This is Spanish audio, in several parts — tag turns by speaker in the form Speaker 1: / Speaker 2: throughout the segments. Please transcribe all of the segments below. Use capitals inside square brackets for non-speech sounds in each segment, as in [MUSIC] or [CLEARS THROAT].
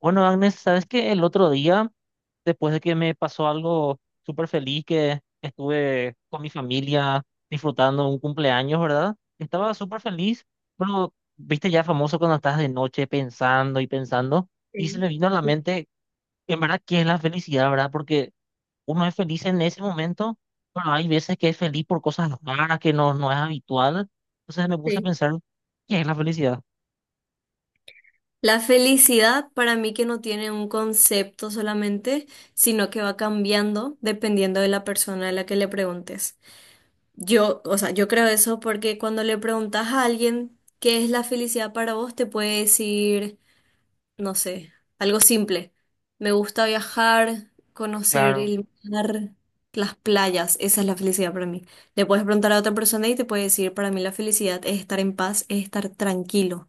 Speaker 1: Bueno, Agnes, sabes que el otro día, después de que me pasó algo súper feliz, que estuve con mi familia disfrutando un cumpleaños, ¿verdad? Estaba súper feliz, pero viste ya famoso cuando estás de noche pensando y pensando, y se
Speaker 2: Sí,
Speaker 1: me vino a la
Speaker 2: sí,
Speaker 1: mente, en verdad, ¿qué es la felicidad, verdad? Porque uno es feliz en ese momento, pero hay veces que es feliz por cosas raras que no es habitual. Entonces me puse a
Speaker 2: sí.
Speaker 1: pensar, ¿qué es la felicidad?
Speaker 2: La felicidad para mí que no tiene un concepto solamente, sino que va cambiando dependiendo de la persona a la que le preguntes. Yo, o sea, yo creo eso porque cuando le preguntas a alguien qué es la felicidad para vos, te puede decir no sé, algo simple. Me gusta viajar, conocer
Speaker 1: Claro.
Speaker 2: el mar, las playas, esa es la felicidad para mí. Le puedes preguntar a otra persona y te puede decir, para mí la felicidad es estar en paz, es estar tranquilo.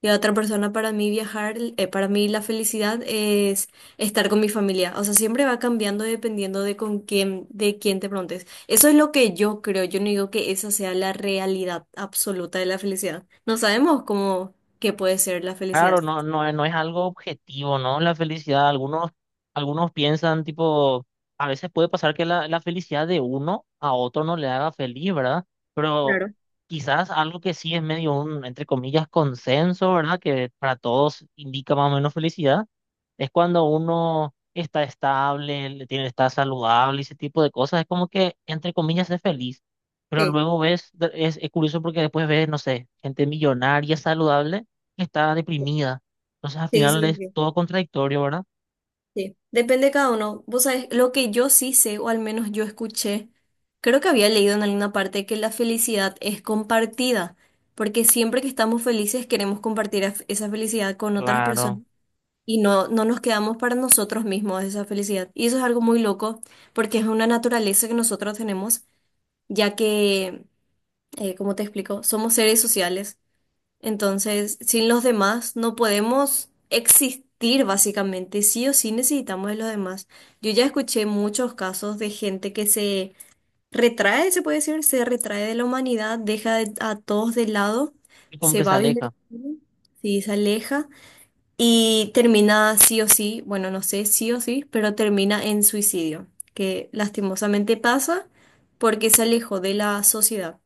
Speaker 2: Y a otra persona, para mí viajar, para mí la felicidad es estar con mi familia. O sea, siempre va cambiando dependiendo de con quién, de quién te preguntes. Eso es lo que yo creo. Yo no digo que esa sea la realidad absoluta de la felicidad. No sabemos cómo, qué puede ser la felicidad.
Speaker 1: Claro, no, no, no es algo objetivo, ¿no? La felicidad, algunos, algunos piensan, tipo, a veces puede pasar que la felicidad de uno a otro no le haga feliz, ¿verdad? Pero
Speaker 2: Claro.
Speaker 1: quizás algo que sí es medio un, entre comillas, consenso, ¿verdad? Que para todos indica más o menos felicidad, es cuando uno está estable, le tiene, está saludable, ese tipo de cosas, es como que, entre comillas, es feliz. Pero
Speaker 2: Sí.
Speaker 1: luego ves, es curioso porque después ves, no sé, gente millonaria, saludable está deprimida. Entonces al
Speaker 2: Sí,
Speaker 1: final
Speaker 2: sí,
Speaker 1: es
Speaker 2: sí,
Speaker 1: todo contradictorio, ¿verdad?
Speaker 2: sí. Depende de cada uno. Vos sabés, lo que yo sí sé, o al menos yo escuché, creo que había leído en alguna parte que la felicidad es compartida, porque siempre que estamos felices queremos compartir esa felicidad con otras personas
Speaker 1: Claro.
Speaker 2: y no nos quedamos para nosotros mismos esa felicidad. Y eso es algo muy loco, porque es una naturaleza que nosotros tenemos, ya que, como te explico, somos seres sociales. Entonces, sin los demás no podemos existir básicamente, sí o sí necesitamos de los demás. Yo ya escuché muchos casos de gente que se retrae, se puede decir, se retrae de la humanidad, a todos de lado,
Speaker 1: Y como
Speaker 2: se
Speaker 1: que se
Speaker 2: va a vivir,
Speaker 1: aleja.
Speaker 2: sí, se aleja y termina sí o sí, bueno, no sé, sí o sí, pero termina en suicidio, que lastimosamente pasa porque se alejó de la sociedad.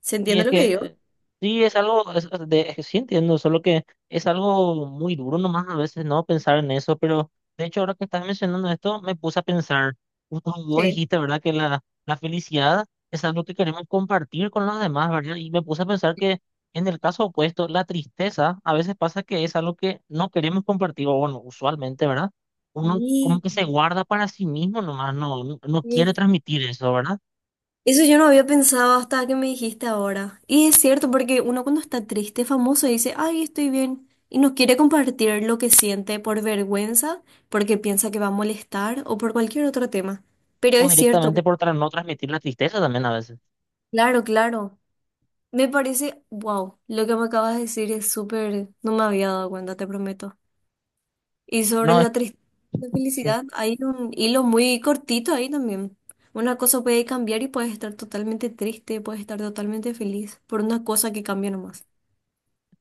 Speaker 2: ¿Se
Speaker 1: Sí,
Speaker 2: entiende
Speaker 1: es
Speaker 2: lo que digo?
Speaker 1: que sí es algo, es, es que sí entiendo, solo que es algo muy duro nomás a veces no pensar en eso, pero de hecho ahora que estás mencionando esto me puse a pensar, justo vos
Speaker 2: Sí.
Speaker 1: dijiste, ¿verdad? Que la felicidad es algo que queremos compartir con los demás, ¿verdad? Y me puse a pensar que en el caso opuesto, la tristeza a veces pasa que es algo que no queremos compartir, o bueno, usualmente, ¿verdad? Uno como
Speaker 2: Sí,
Speaker 1: que se guarda para sí mismo nomás, no quiere
Speaker 2: sí.
Speaker 1: transmitir eso, ¿verdad?
Speaker 2: Eso yo no había pensado hasta que me dijiste ahora. Y es cierto, porque uno cuando está triste, famoso, dice, ay, estoy bien, y no quiere compartir lo que siente por vergüenza, porque piensa que va a molestar o por cualquier otro tema. Pero
Speaker 1: O
Speaker 2: es cierto,
Speaker 1: directamente por no transmitir la tristeza también a veces.
Speaker 2: claro, claro. Me parece, wow, lo que me acabas de decir es súper, no me había dado cuenta, te prometo. Y sobre
Speaker 1: No, es-
Speaker 2: la tristeza y la
Speaker 1: sí.
Speaker 2: felicidad, hay un hilo muy cortito ahí también. Una cosa puede cambiar y puedes estar totalmente triste, puedes estar totalmente feliz por una cosa que cambia nomás.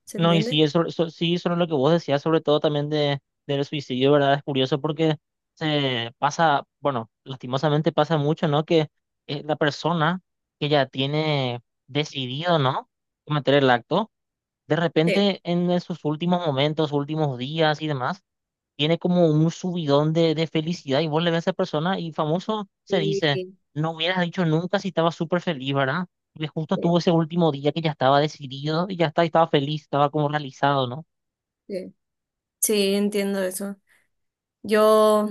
Speaker 2: ¿Se
Speaker 1: No, y sí,
Speaker 2: entiende?
Speaker 1: eso, sí, sobre lo que vos decías, sobre todo también de, del suicidio, ¿verdad? Es curioso porque se pasa, bueno, lastimosamente pasa mucho, ¿no? Que la persona que ya tiene decidido, ¿no? Cometer el acto, de
Speaker 2: Sí,
Speaker 1: repente sus últimos momentos, últimos días y demás, tiene como un subidón de felicidad y vos le ves a esa persona y famoso se
Speaker 2: sí,
Speaker 1: dice, no hubieras dicho nunca si estaba súper feliz, ¿verdad? Porque justo
Speaker 2: sí,
Speaker 1: tuvo ese último día que ya estaba decidido y ya está, estaba feliz, estaba como realizado, ¿no?
Speaker 2: sí. Sí, entiendo eso. Yo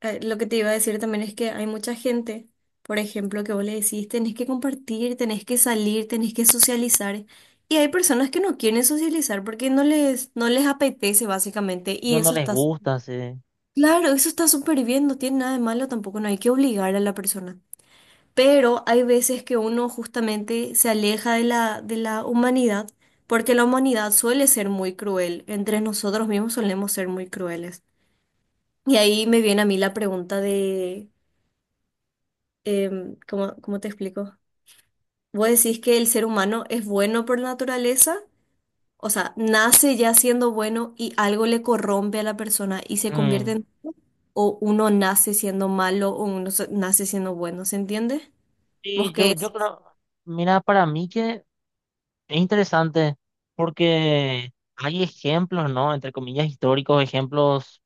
Speaker 2: lo que te iba a decir también es que hay mucha gente, por ejemplo, que vos le decís, tenés que compartir, tenés que salir, tenés que socializar. Y hay personas que no quieren socializar porque no les apetece básicamente y
Speaker 1: Ellos no
Speaker 2: eso
Speaker 1: les
Speaker 2: está
Speaker 1: gusta, sí.
Speaker 2: claro, eso está súper bien, no tiene nada de malo tampoco, no hay que obligar a la persona. Pero hay veces que uno justamente se aleja de de la humanidad, porque la humanidad suele ser muy cruel, entre nosotros mismos solemos ser muy crueles. Y ahí me viene a mí la pregunta de, ¿cómo, cómo te explico? ¿Vos decís que el ser humano es bueno por naturaleza? O sea, nace ya siendo bueno y algo le corrompe a la persona y se convierte
Speaker 1: Mm.
Speaker 2: en o uno nace siendo malo o nace siendo bueno, ¿se entiende? ¿Vos
Speaker 1: Sí,
Speaker 2: qué
Speaker 1: yo
Speaker 2: es?
Speaker 1: creo, mira, para mí que es interesante porque hay ejemplos, ¿no? Entre comillas, históricos, ejemplos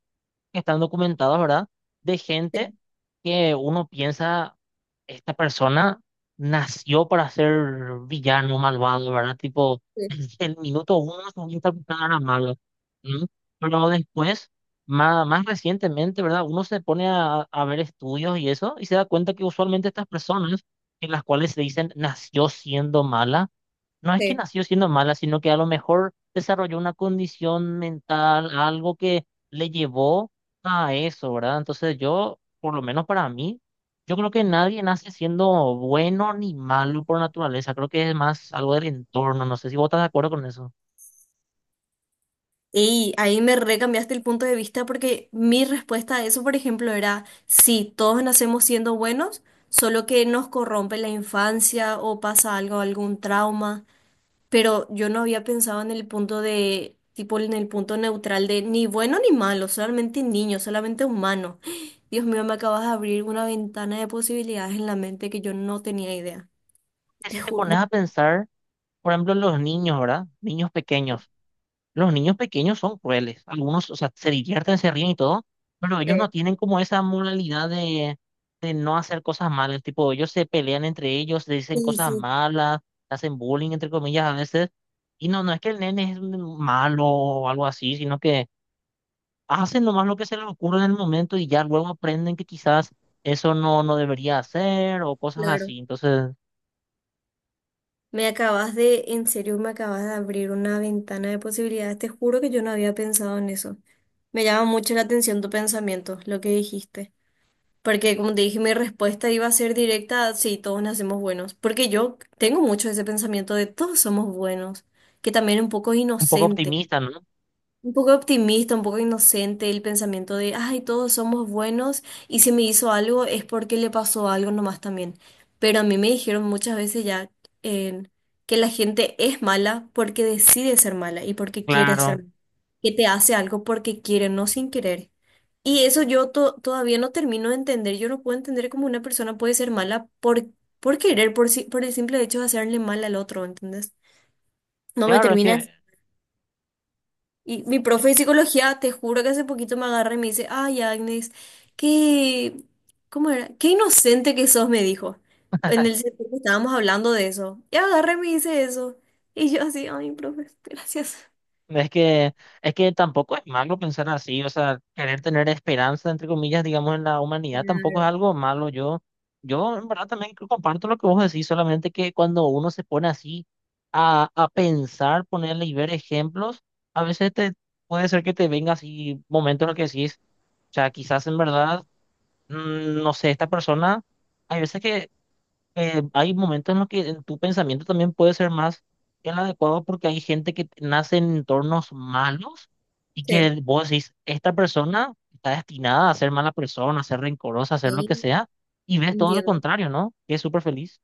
Speaker 1: que están documentados, ¿verdad? De gente que uno piensa, esta persona nació para ser villano, malvado, ¿verdad? Tipo,
Speaker 2: Sí,
Speaker 1: [CLEARS THROAT] el minuto uno se sabía a era malo, ¿no? Pero después, más recientemente, ¿verdad? Uno se pone a ver estudios y eso, y se da cuenta que usualmente estas personas, en las cuales se dicen nació siendo mala, no es que
Speaker 2: sí.
Speaker 1: nació siendo mala, sino que a lo mejor desarrolló una condición mental, algo que le llevó a eso, ¿verdad? Entonces yo, por lo menos para mí, yo creo que nadie nace siendo bueno ni malo por naturaleza. Creo que es más algo del entorno. No sé si vos estás de acuerdo con eso.
Speaker 2: Y ahí me recambiaste el punto de vista porque mi respuesta a eso, por ejemplo, era, sí, todos nacemos siendo buenos, solo que nos corrompe la infancia o pasa algo, algún trauma, pero yo no había pensado en el punto de, tipo, en el punto neutral de ni bueno ni malo, solamente niño, solamente humano. [GASPS] Dios mío, me acabas de abrir una ventana de posibilidades en la mente que yo no tenía idea.
Speaker 1: Que
Speaker 2: Te
Speaker 1: si te
Speaker 2: ju-
Speaker 1: pones
Speaker 2: bu-
Speaker 1: a pensar, por ejemplo, en los niños, ¿verdad? Niños pequeños. Los niños pequeños son crueles. Algunos, o sea, se divierten, se ríen y todo, pero ellos no
Speaker 2: Sí,
Speaker 1: tienen como esa moralidad de no hacer cosas malas. Tipo, ellos se pelean entre ellos, se dicen
Speaker 2: sí,
Speaker 1: cosas
Speaker 2: sí,
Speaker 1: malas, hacen bullying, entre comillas, a veces. Y no es que el nene es un malo o algo así, sino que hacen nomás lo que se les ocurre en el momento y ya luego aprenden que quizás eso no debería hacer o cosas
Speaker 2: claro.
Speaker 1: así. Entonces,
Speaker 2: Me acabas de, en serio, me acabas de abrir una ventana de posibilidades. Te juro que yo no había pensado en eso. Me llama mucho la atención tu pensamiento, lo que dijiste. Porque como te dije, mi respuesta iba a ser directa, sí, todos nacemos buenos. Porque yo tengo mucho ese pensamiento de todos somos buenos, que también es un poco
Speaker 1: un poco
Speaker 2: inocente.
Speaker 1: optimista, ¿no?
Speaker 2: Un poco optimista, un poco inocente el pensamiento de, ay, todos somos buenos y si me hizo algo es porque le pasó algo nomás también. Pero a mí me dijeron muchas veces ya eh, que la gente es mala porque decide ser mala y porque quiere ser
Speaker 1: Claro,
Speaker 2: mala, que te hace algo porque quiere, no sin querer. Y eso yo todavía no termino de entender, yo no puedo entender cómo una persona puede ser mala por querer, por, si- por el simple hecho de hacerle mal al otro, ¿entendés? No me
Speaker 1: claro,
Speaker 2: termina. Y mi profe de psicología, te juro que hace poquito me agarra y me dice, ay, Agnes, qué, ¿cómo era? Qué inocente que sos, me dijo. En el sentido que estábamos hablando de eso. Y agarra y me dice eso. Y yo así, ay, profe, gracias.
Speaker 1: es que, tampoco es malo pensar así, o sea, querer tener esperanza, entre comillas, digamos, en la humanidad tampoco es
Speaker 2: Claro,
Speaker 1: algo malo. Yo en verdad también comparto lo que vos decís, solamente que cuando uno se pone así a pensar, ponerle y ver ejemplos, a veces te puede ser que te venga así momentos en los que decís, o sea, quizás en verdad, no sé, esta persona, hay veces que hay momentos en los que en tu pensamiento también puede ser más que el adecuado porque hay gente que nace en entornos malos y
Speaker 2: sí,
Speaker 1: que vos decís, esta persona está destinada a ser mala persona, a ser rencorosa, a ser lo que
Speaker 2: sí,
Speaker 1: sea, y ves todo lo
Speaker 2: entiendo.
Speaker 1: contrario, ¿no? Que es súper feliz.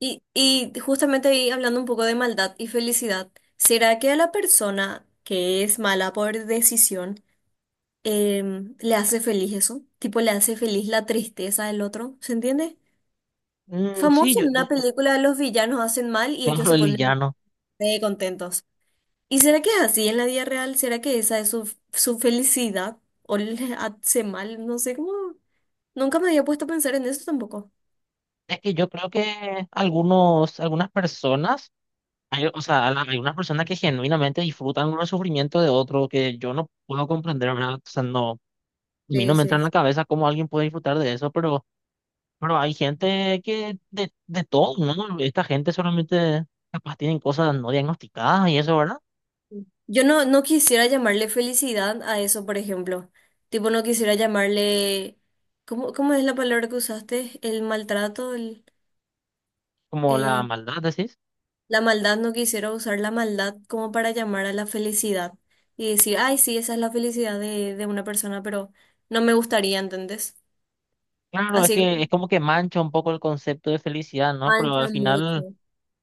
Speaker 2: Y justamente ahí hablando un poco de maldad y felicidad, ¿será que a la persona que es mala por decisión le hace feliz eso? Tipo, le hace feliz la tristeza del otro, ¿se entiende?
Speaker 1: Mm, sí,
Speaker 2: Famoso en una película, los villanos hacen mal y ellos
Speaker 1: claro,
Speaker 2: se
Speaker 1: el
Speaker 2: ponen
Speaker 1: villano.
Speaker 2: re contentos. ¿Y será que es así en la vida real? ¿Será que esa es su, su felicidad? ¿O le hace mal? No sé cómo. Nunca me había puesto a pensar en eso tampoco.
Speaker 1: Es que yo creo que algunos, algunas personas, hay, o sea, hay unas personas que genuinamente disfrutan el sufrimiento de otro que yo no puedo comprender, ¿verdad? O sea, no. A mí
Speaker 2: Sí,
Speaker 1: no me entra
Speaker 2: sí,
Speaker 1: en la
Speaker 2: sí.
Speaker 1: cabeza cómo alguien puede disfrutar de eso, pero hay gente que de todo, ¿no? Esta gente solamente capaz tienen cosas no diagnosticadas y eso, ¿verdad?
Speaker 2: Yo no quisiera llamarle felicidad a eso, por ejemplo. Tipo, no quisiera llamarle... ¿Cómo, cómo es la palabra que usaste? El maltrato, el...
Speaker 1: Como la
Speaker 2: eh,
Speaker 1: maldad, decís.
Speaker 2: la maldad no quisiera usar la maldad como para llamar a la felicidad y decir, ay, sí, esa es la felicidad de una persona, pero no me gustaría, ¿entendés?
Speaker 1: Claro, es
Speaker 2: Así
Speaker 1: que
Speaker 2: que
Speaker 1: es como que mancha un poco el concepto de felicidad, ¿no? Pero
Speaker 2: mancha mucho.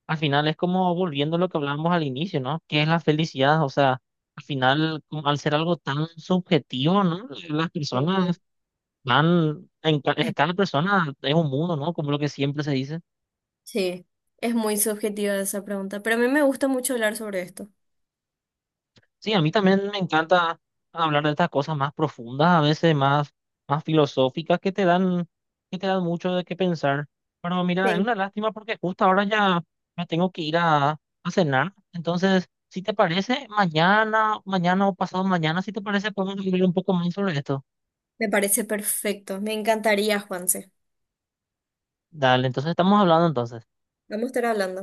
Speaker 1: al final es como volviendo a lo que hablábamos al inicio, ¿no? ¿Qué es la felicidad? O sea, al final, como al ser algo tan subjetivo, ¿no? Las personas
Speaker 2: Sí.
Speaker 1: van, cada
Speaker 2: [LAUGHS]
Speaker 1: persona es un mundo, ¿no? Como lo que siempre se dice.
Speaker 2: Sí, es muy subjetiva esa pregunta, pero a mí me gusta mucho hablar sobre esto.
Speaker 1: Sí, a mí también me encanta hablar de estas cosas más profundas, a veces más, más filosóficas, que te dan mucho de qué pensar. Pero mira, es
Speaker 2: Sí.
Speaker 1: una lástima porque justo ahora ya me tengo que ir a cenar. Entonces, si te parece, mañana o pasado mañana, si te parece, podemos hablar un poco más sobre esto.
Speaker 2: Me parece perfecto. Me encantaría, Juanse.
Speaker 1: Dale, entonces estamos hablando entonces.
Speaker 2: Vamos a estar hablando.